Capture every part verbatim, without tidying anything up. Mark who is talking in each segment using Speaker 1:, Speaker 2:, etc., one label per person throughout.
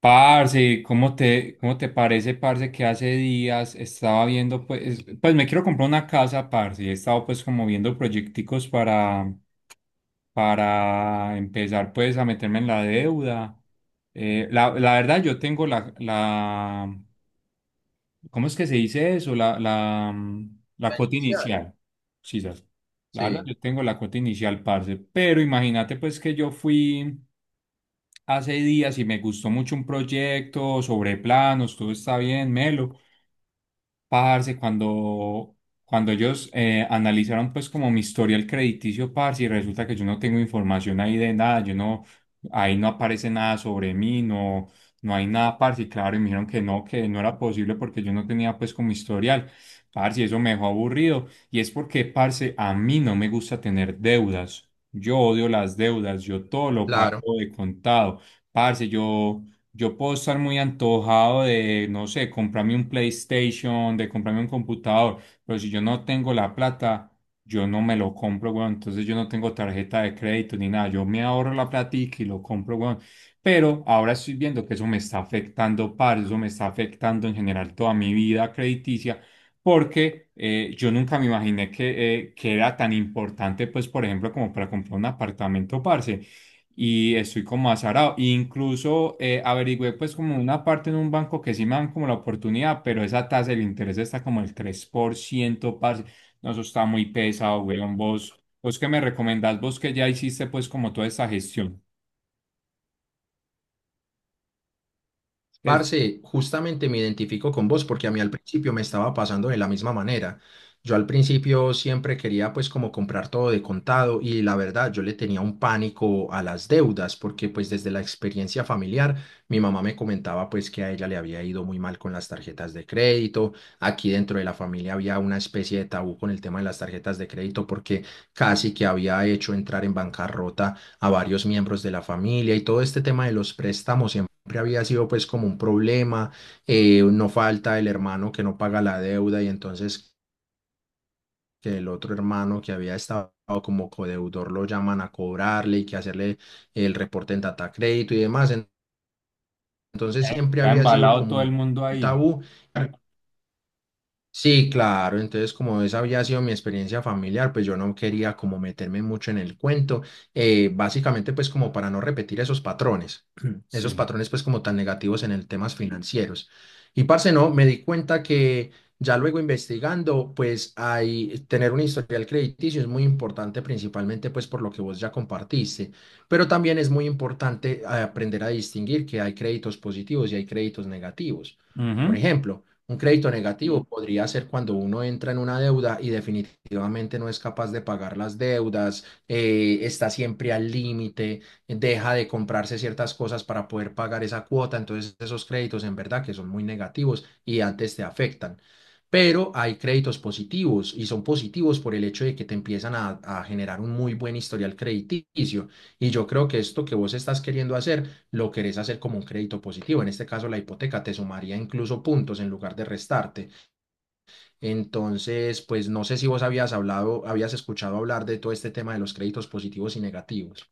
Speaker 1: Parce, ¿cómo te, cómo te parece, parce? Que hace días estaba viendo, pues, pues me quiero comprar una casa, parce, y he estado pues como viendo proyecticos para, para empezar pues a meterme en la deuda. Eh, la, la verdad, yo tengo la, la, ¿cómo es que se dice eso? La, la, mm, la
Speaker 2: La
Speaker 1: cuota
Speaker 2: inicial.
Speaker 1: inicial, sí. La verdad,
Speaker 2: Sí,
Speaker 1: yo tengo la cuota inicial, parce, pero imagínate pues que yo fui hace días y me gustó mucho un proyecto sobre planos, todo está bien, melo. Parce, cuando, Cuando ellos eh, analizaron pues como mi historial crediticio, parce, y resulta que yo no tengo información ahí de nada, yo no, Ahí no aparece nada sobre mí, no, no hay nada, parce, y claro, y me dijeron que no, que no era posible porque yo no tenía pues como historial, parce, y eso me dejó aburrido. Y es porque, parce, a mí no me gusta tener deudas, yo odio las deudas, yo todo lo
Speaker 2: claro.
Speaker 1: pago de contado, parce, yo... Yo puedo estar muy antojado de, no sé, comprarme un PlayStation, de comprarme un computador, pero si yo no tengo la plata, yo no me lo compro, weón. Entonces yo no tengo tarjeta de crédito ni nada. Yo me ahorro la platica y lo compro, weón. Pero ahora estoy viendo que eso me está afectando, par, eso me está afectando en general toda mi vida crediticia, porque eh, yo nunca me imaginé que, eh, que era tan importante, pues, por ejemplo, como para comprar un apartamento, parce, y estoy como azarado. E incluso eh, averigüé pues como una parte en un banco que sí me dan como la oportunidad, pero esa tasa del interés está como el tres por ciento, parce. No, eso está muy pesado, weón. Vos, vos que me recomendás, vos que ya hiciste pues como toda esa gestión. Es que
Speaker 2: Parce, justamente me identifico con vos porque a mí al principio me estaba pasando de la misma manera. Yo al principio siempre quería pues como comprar todo de contado y la verdad yo le tenía un pánico a las deudas porque pues desde la experiencia familiar mi mamá me comentaba pues que a ella le había ido muy mal con las tarjetas de crédito. Aquí dentro de la familia había una especie de tabú con el tema de las tarjetas de crédito porque casi que había hecho entrar en bancarrota a varios miembros de la familia y todo este tema de los préstamos siempre había sido pues como un problema. Eh, no falta el hermano que no paga la deuda y entonces que el otro hermano que había estado como codeudor lo llaman a cobrarle y que hacerle el reporte en data crédito y demás. En- Entonces siempre
Speaker 1: está
Speaker 2: había sido
Speaker 1: embalado
Speaker 2: como
Speaker 1: todo el
Speaker 2: un
Speaker 1: mundo
Speaker 2: un
Speaker 1: ahí.
Speaker 2: tabú. Sí, claro, entonces como esa había sido mi experiencia familiar, pues yo no quería como meterme mucho en el cuento. Eh, básicamente pues como para no repetir esos patrones, esos
Speaker 1: Sí.
Speaker 2: patrones pues como tan negativos en el temas financieros. Y parce, no, me di cuenta que ya luego investigando, pues hay tener un historial crediticio es muy importante principalmente pues por lo que vos ya compartiste, pero también es muy importante, eh, aprender a distinguir que hay créditos positivos y hay créditos negativos. Por
Speaker 1: Ujú.
Speaker 2: ejemplo, un crédito negativo podría ser cuando uno entra en una deuda y definitivamente no es capaz de pagar las deudas, eh, está siempre al límite, deja de comprarse ciertas cosas para poder pagar esa cuota. Entonces esos créditos en verdad que son muy negativos y antes te afectan. Pero hay créditos positivos y son positivos por el hecho de que te empiezan a, a generar un muy buen historial crediticio. Y yo creo que esto que vos estás queriendo hacer lo querés hacer como un crédito positivo. En este caso, la hipoteca te sumaría incluso puntos en lugar de restarte. Entonces, pues no sé si vos habías hablado, habías escuchado hablar de todo este tema de los créditos positivos y negativos.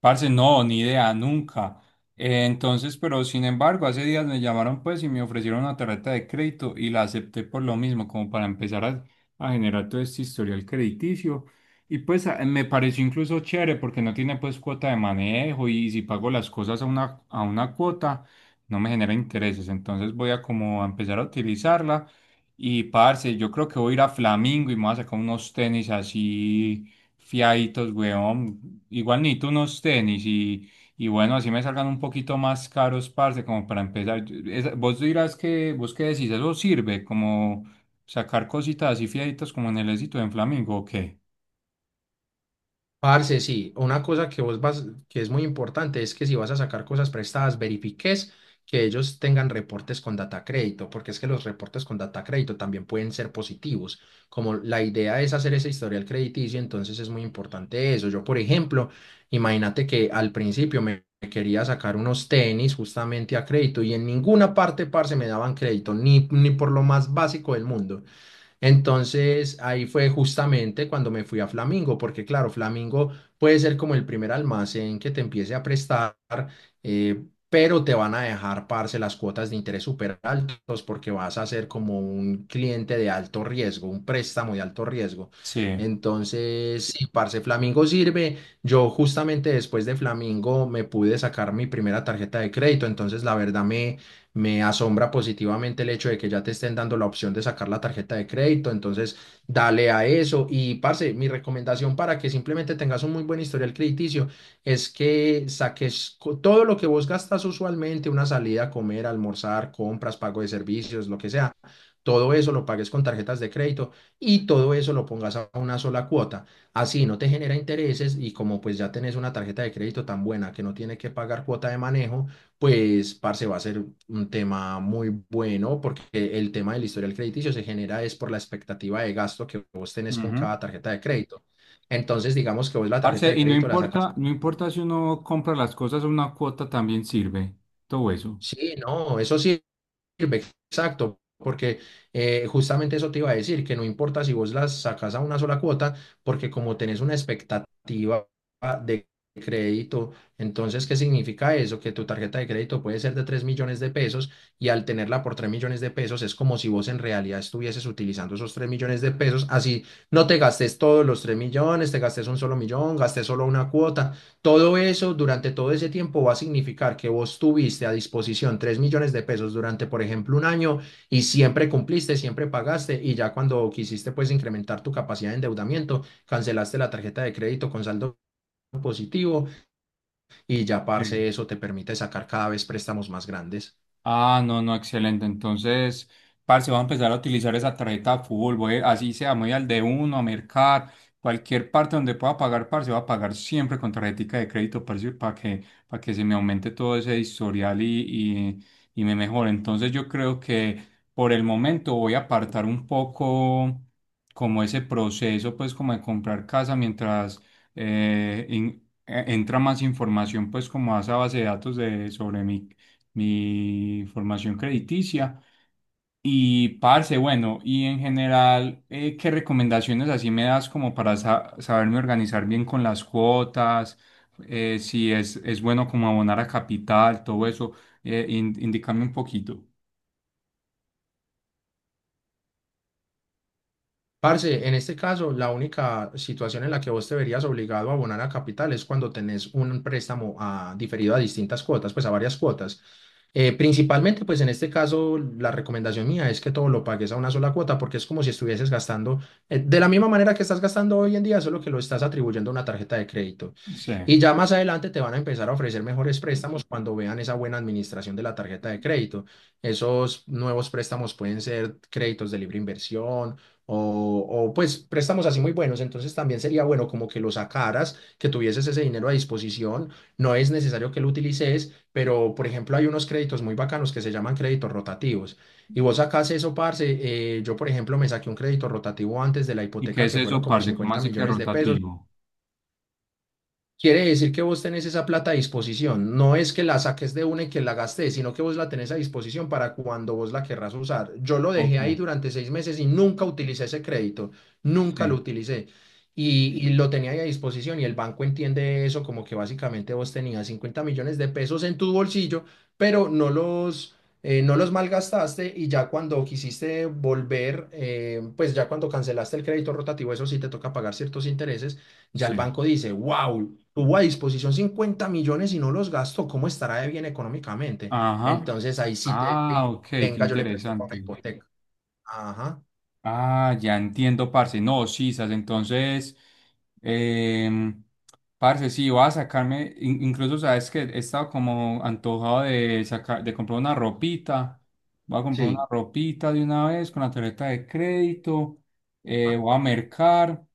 Speaker 1: Parce, no, ni idea, nunca. Eh, entonces, pero sin embargo, hace días me llamaron pues y me ofrecieron una tarjeta de crédito y la acepté por lo mismo, como para empezar a, a generar todo este historial crediticio. Y pues a- me pareció incluso chévere porque no tiene pues cuota de manejo y si pago las cosas a una, a una cuota, no me genera intereses. Entonces voy a como a empezar a utilizarla. Y parce, yo creo que voy a ir a Flamingo y me voy a sacar unos tenis así fiaditos, weón. Igual ni tú unos tenis y, y bueno, así me salgan un poquito más caros, parce, como para empezar. Yo- esa- vos dirás que, vos qué decís, eso sirve como sacar cositas así fiaditos como en el éxito en Flamingo, ¿o qué?
Speaker 2: Parce, sí, una cosa que vos vas, que es muy importante es que si vas a sacar cosas prestadas, verifiques que ellos tengan reportes con data crédito, porque es que los reportes con data crédito también pueden ser positivos. Como la idea es hacer ese historial crediticio, entonces es muy importante eso. Yo, por ejemplo, imagínate que al principio me quería sacar unos tenis justamente a crédito y en ninguna parte, parce, me daban crédito, ni, ni por lo más básico del mundo. Entonces ahí fue justamente cuando me fui a Flamingo, porque claro, Flamingo puede ser como el primer almacén que te empiece a prestar, eh, pero te van a dejar, parce, las cuotas de interés súper altos porque vas a ser como un cliente de alto riesgo, un préstamo de alto riesgo.
Speaker 1: Sí.
Speaker 2: Entonces, sí, parce, Flamingo sirve. Yo justamente después de Flamingo me pude sacar mi primera tarjeta de crédito, entonces la verdad me me asombra positivamente el hecho de que ya te estén dando la opción de sacar la tarjeta de crédito. Entonces, dale a eso. Y, parce, mi recomendación para que simplemente tengas un muy buen historial crediticio es que saques co- todo lo que vos gastas usualmente, una salida a comer, almorzar, compras, pago de servicios, lo que sea. Todo eso lo pagues con tarjetas de crédito y todo eso lo pongas a una sola cuota. Así no te genera intereses y como pues ya tenés una tarjeta de crédito tan buena que no tiene que pagar cuota de manejo, pues, parce, va a ser un tema muy bueno porque el tema del historial crediticio se genera es por la expectativa de gasto que vos tenés con
Speaker 1: Ujú.
Speaker 2: cada tarjeta de crédito. Entonces, digamos que vos la tarjeta
Speaker 1: Parce,
Speaker 2: de
Speaker 1: y no
Speaker 2: crédito la sacas.
Speaker 1: importa, no importa si uno compra las cosas a una cuota, también sirve todo eso.
Speaker 2: Sí, no, eso sí sirve, exacto, porque, eh, justamente eso te iba a decir, que no importa si vos las sacas a una sola cuota, porque como tenés una expectativa de crédito, entonces, ¿qué significa eso? Que tu tarjeta de crédito puede ser de tres millones de pesos y al tenerla por tres millones de pesos es como si vos en realidad estuvieses utilizando esos tres millones de pesos, así no te gastes todos los tres millones, te gastes un solo millón, gastes solo una cuota, todo eso durante todo ese tiempo va a significar que vos tuviste a disposición tres millones de pesos durante, por ejemplo, un año y siempre cumpliste, siempre pagaste y ya cuando quisiste pues incrementar tu capacidad de endeudamiento, cancelaste la tarjeta de crédito con saldo positivo y ya,
Speaker 1: Sí.
Speaker 2: parce, eso te permite sacar cada vez préstamos más grandes.
Speaker 1: Ah, no, no, excelente. Entonces, parce, voy a empezar a utilizar esa tarjeta de fútbol. Voy, así sea, me voy al de uno, a Mercar, cualquier parte donde pueda pagar, parce, voy a pagar siempre con tarjetica de crédito, parce, para que, para que se me aumente todo ese historial y, y, y me mejore. Entonces, yo creo que por el momento voy a apartar un poco como ese proceso, pues, como de comprar casa mientras eh, in- eh, entra más información, pues, como a esa base de datos de, sobre mí mi formación crediticia. Y parce, bueno, y en general, eh, ¿qué recomendaciones así me das como para sa- saberme organizar bien con las cuotas? Eh, si es, Es bueno como abonar a capital, todo eso, eh, in- indícame un poquito.
Speaker 2: Parce, en este caso, la única situación en la que vos te verías obligado a abonar a capital es cuando tenés un préstamo a- diferido a distintas cuotas, pues a varias cuotas. Eh, principalmente, pues en este caso, la recomendación mía es que todo lo pagues a una sola cuota porque es como si estuvieses gastando, eh, de la misma manera que estás gastando hoy en día, solo que lo estás atribuyendo a una tarjeta de crédito.
Speaker 1: Sí.
Speaker 2: Y ya más adelante te van a empezar a ofrecer mejores préstamos cuando vean esa buena administración de la tarjeta de crédito. Esos nuevos préstamos pueden ser créditos de libre inversión o, o pues préstamos así muy buenos. Entonces también sería bueno como que lo sacaras, que tuvieses ese dinero a disposición. No es necesario que lo utilices pero por ejemplo hay unos créditos muy bacanos que se llaman créditos rotativos. Y vos sacás eso, parce. eh, yo, por ejemplo, me saqué un crédito rotativo antes de la
Speaker 1: ¿Y qué
Speaker 2: hipoteca
Speaker 1: es
Speaker 2: que fueron
Speaker 1: eso,
Speaker 2: como
Speaker 1: parce? ¿Cómo
Speaker 2: cincuenta
Speaker 1: así que
Speaker 2: millones de pesos
Speaker 1: rotativo?
Speaker 2: Quiere decir que vos tenés esa plata a disposición. No es que la saques de una y que la gastes, sino que vos la tenés a disposición para cuando vos la querrás usar. Yo lo dejé
Speaker 1: Ok,
Speaker 2: ahí durante seis meses y nunca utilicé ese crédito. Nunca lo
Speaker 1: sí,
Speaker 2: utilicé. Y, y lo tenía ahí a disposición y el banco entiende eso como que básicamente vos tenías cincuenta millones de pesos en tu bolsillo, pero no los, eh, no los malgastaste y ya cuando quisiste volver, eh, pues ya cuando cancelaste el crédito rotativo, eso sí te toca pagar ciertos intereses. Ya el
Speaker 1: sí.
Speaker 2: banco dice, wow, tuvo a disposición cincuenta millones y no los gastó, ¿cómo estará de bien económicamente?
Speaker 1: Ajá.
Speaker 2: Entonces ahí sí te
Speaker 1: Ah,
Speaker 2: dice,
Speaker 1: ok, qué
Speaker 2: venga, yo le presto para una
Speaker 1: interesante.
Speaker 2: hipoteca. Ajá,
Speaker 1: Ah, ya entiendo, parce. No, sí, sas, entonces, em, parce, sí, voy a sacarme, in- incluso sabes que he estado como antojado de sacar, de comprar una ropita. Voy a comprar una
Speaker 2: sí.
Speaker 1: ropita de una vez con la tarjeta de crédito. Eh,
Speaker 2: Ajá,
Speaker 1: voy a mercar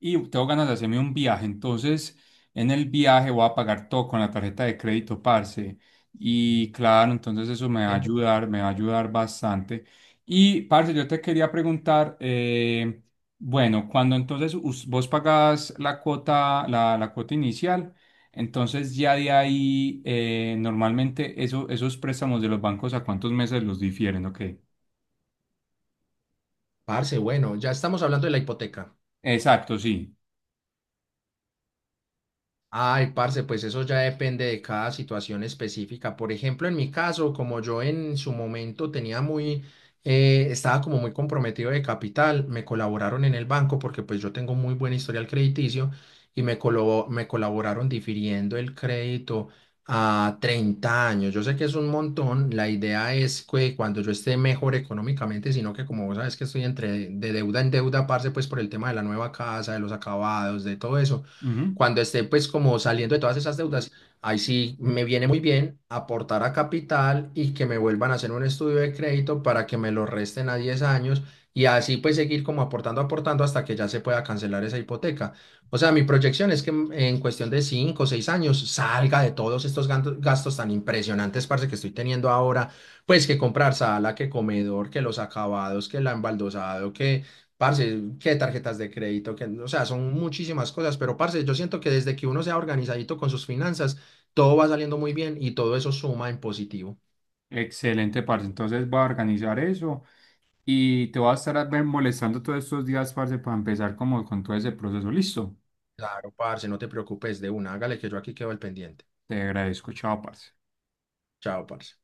Speaker 1: y tengo ganas de hacerme un viaje. Entonces, en el viaje voy a pagar todo con la tarjeta de crédito, parce. Y claro, entonces eso me va a
Speaker 2: sí.
Speaker 1: ayudar, me va a ayudar bastante. Y, parce, yo te quería preguntar, eh, bueno, cuando entonces us- vos pagás la cuota, la, la cuota inicial, entonces ya de ahí, eh, normalmente eso, esos préstamos de los bancos, ¿a cuántos meses los difieren? Ok.
Speaker 2: Parce, bueno, ya estamos hablando de la hipoteca.
Speaker 1: Exacto, sí.
Speaker 2: Ay, parce, pues eso ya depende de cada situación específica. Por ejemplo, en mi caso, como yo en su momento tenía muy, eh, estaba como muy comprometido de capital, me colaboraron en el banco porque pues yo tengo muy buen historial crediticio y me, colo- me colaboraron difiriendo el crédito a treinta años. Yo sé que es un montón, la idea es que cuando yo esté mejor económicamente, sino que como vos sabes que estoy entre de deuda en deuda, parce, pues por el tema de la nueva casa, de los acabados, de todo eso
Speaker 1: Ujú.
Speaker 2: cuando esté pues como saliendo de todas esas deudas, ahí sí me viene muy bien aportar a capital y que me vuelvan a hacer un estudio de crédito para que me lo resten a diez años y así pues seguir como aportando, aportando hasta que ya se pueda cancelar esa hipoteca. O sea, mi proyección es que en en cuestión de cinco o 6 años salga de todos estos ganto- gastos tan impresionantes, parce, que estoy teniendo ahora, pues que comprar sala, que comedor, que los acabados, que el embaldosado, que. Parce, qué tarjetas de crédito, que, o sea, son muchísimas cosas, pero parce, yo siento que desde que uno sea organizadito con sus finanzas, todo va saliendo muy bien y todo eso suma en positivo.
Speaker 1: Excelente, parce. Entonces voy a organizar eso. Y te voy a estar a ver molestando todos estos días, parce, para empezar como con todo ese proceso. Listo.
Speaker 2: Claro, parce, no te preocupes de una, hágale que yo aquí quedo al pendiente.
Speaker 1: Te agradezco. Chao, parce.
Speaker 2: Chao, parce.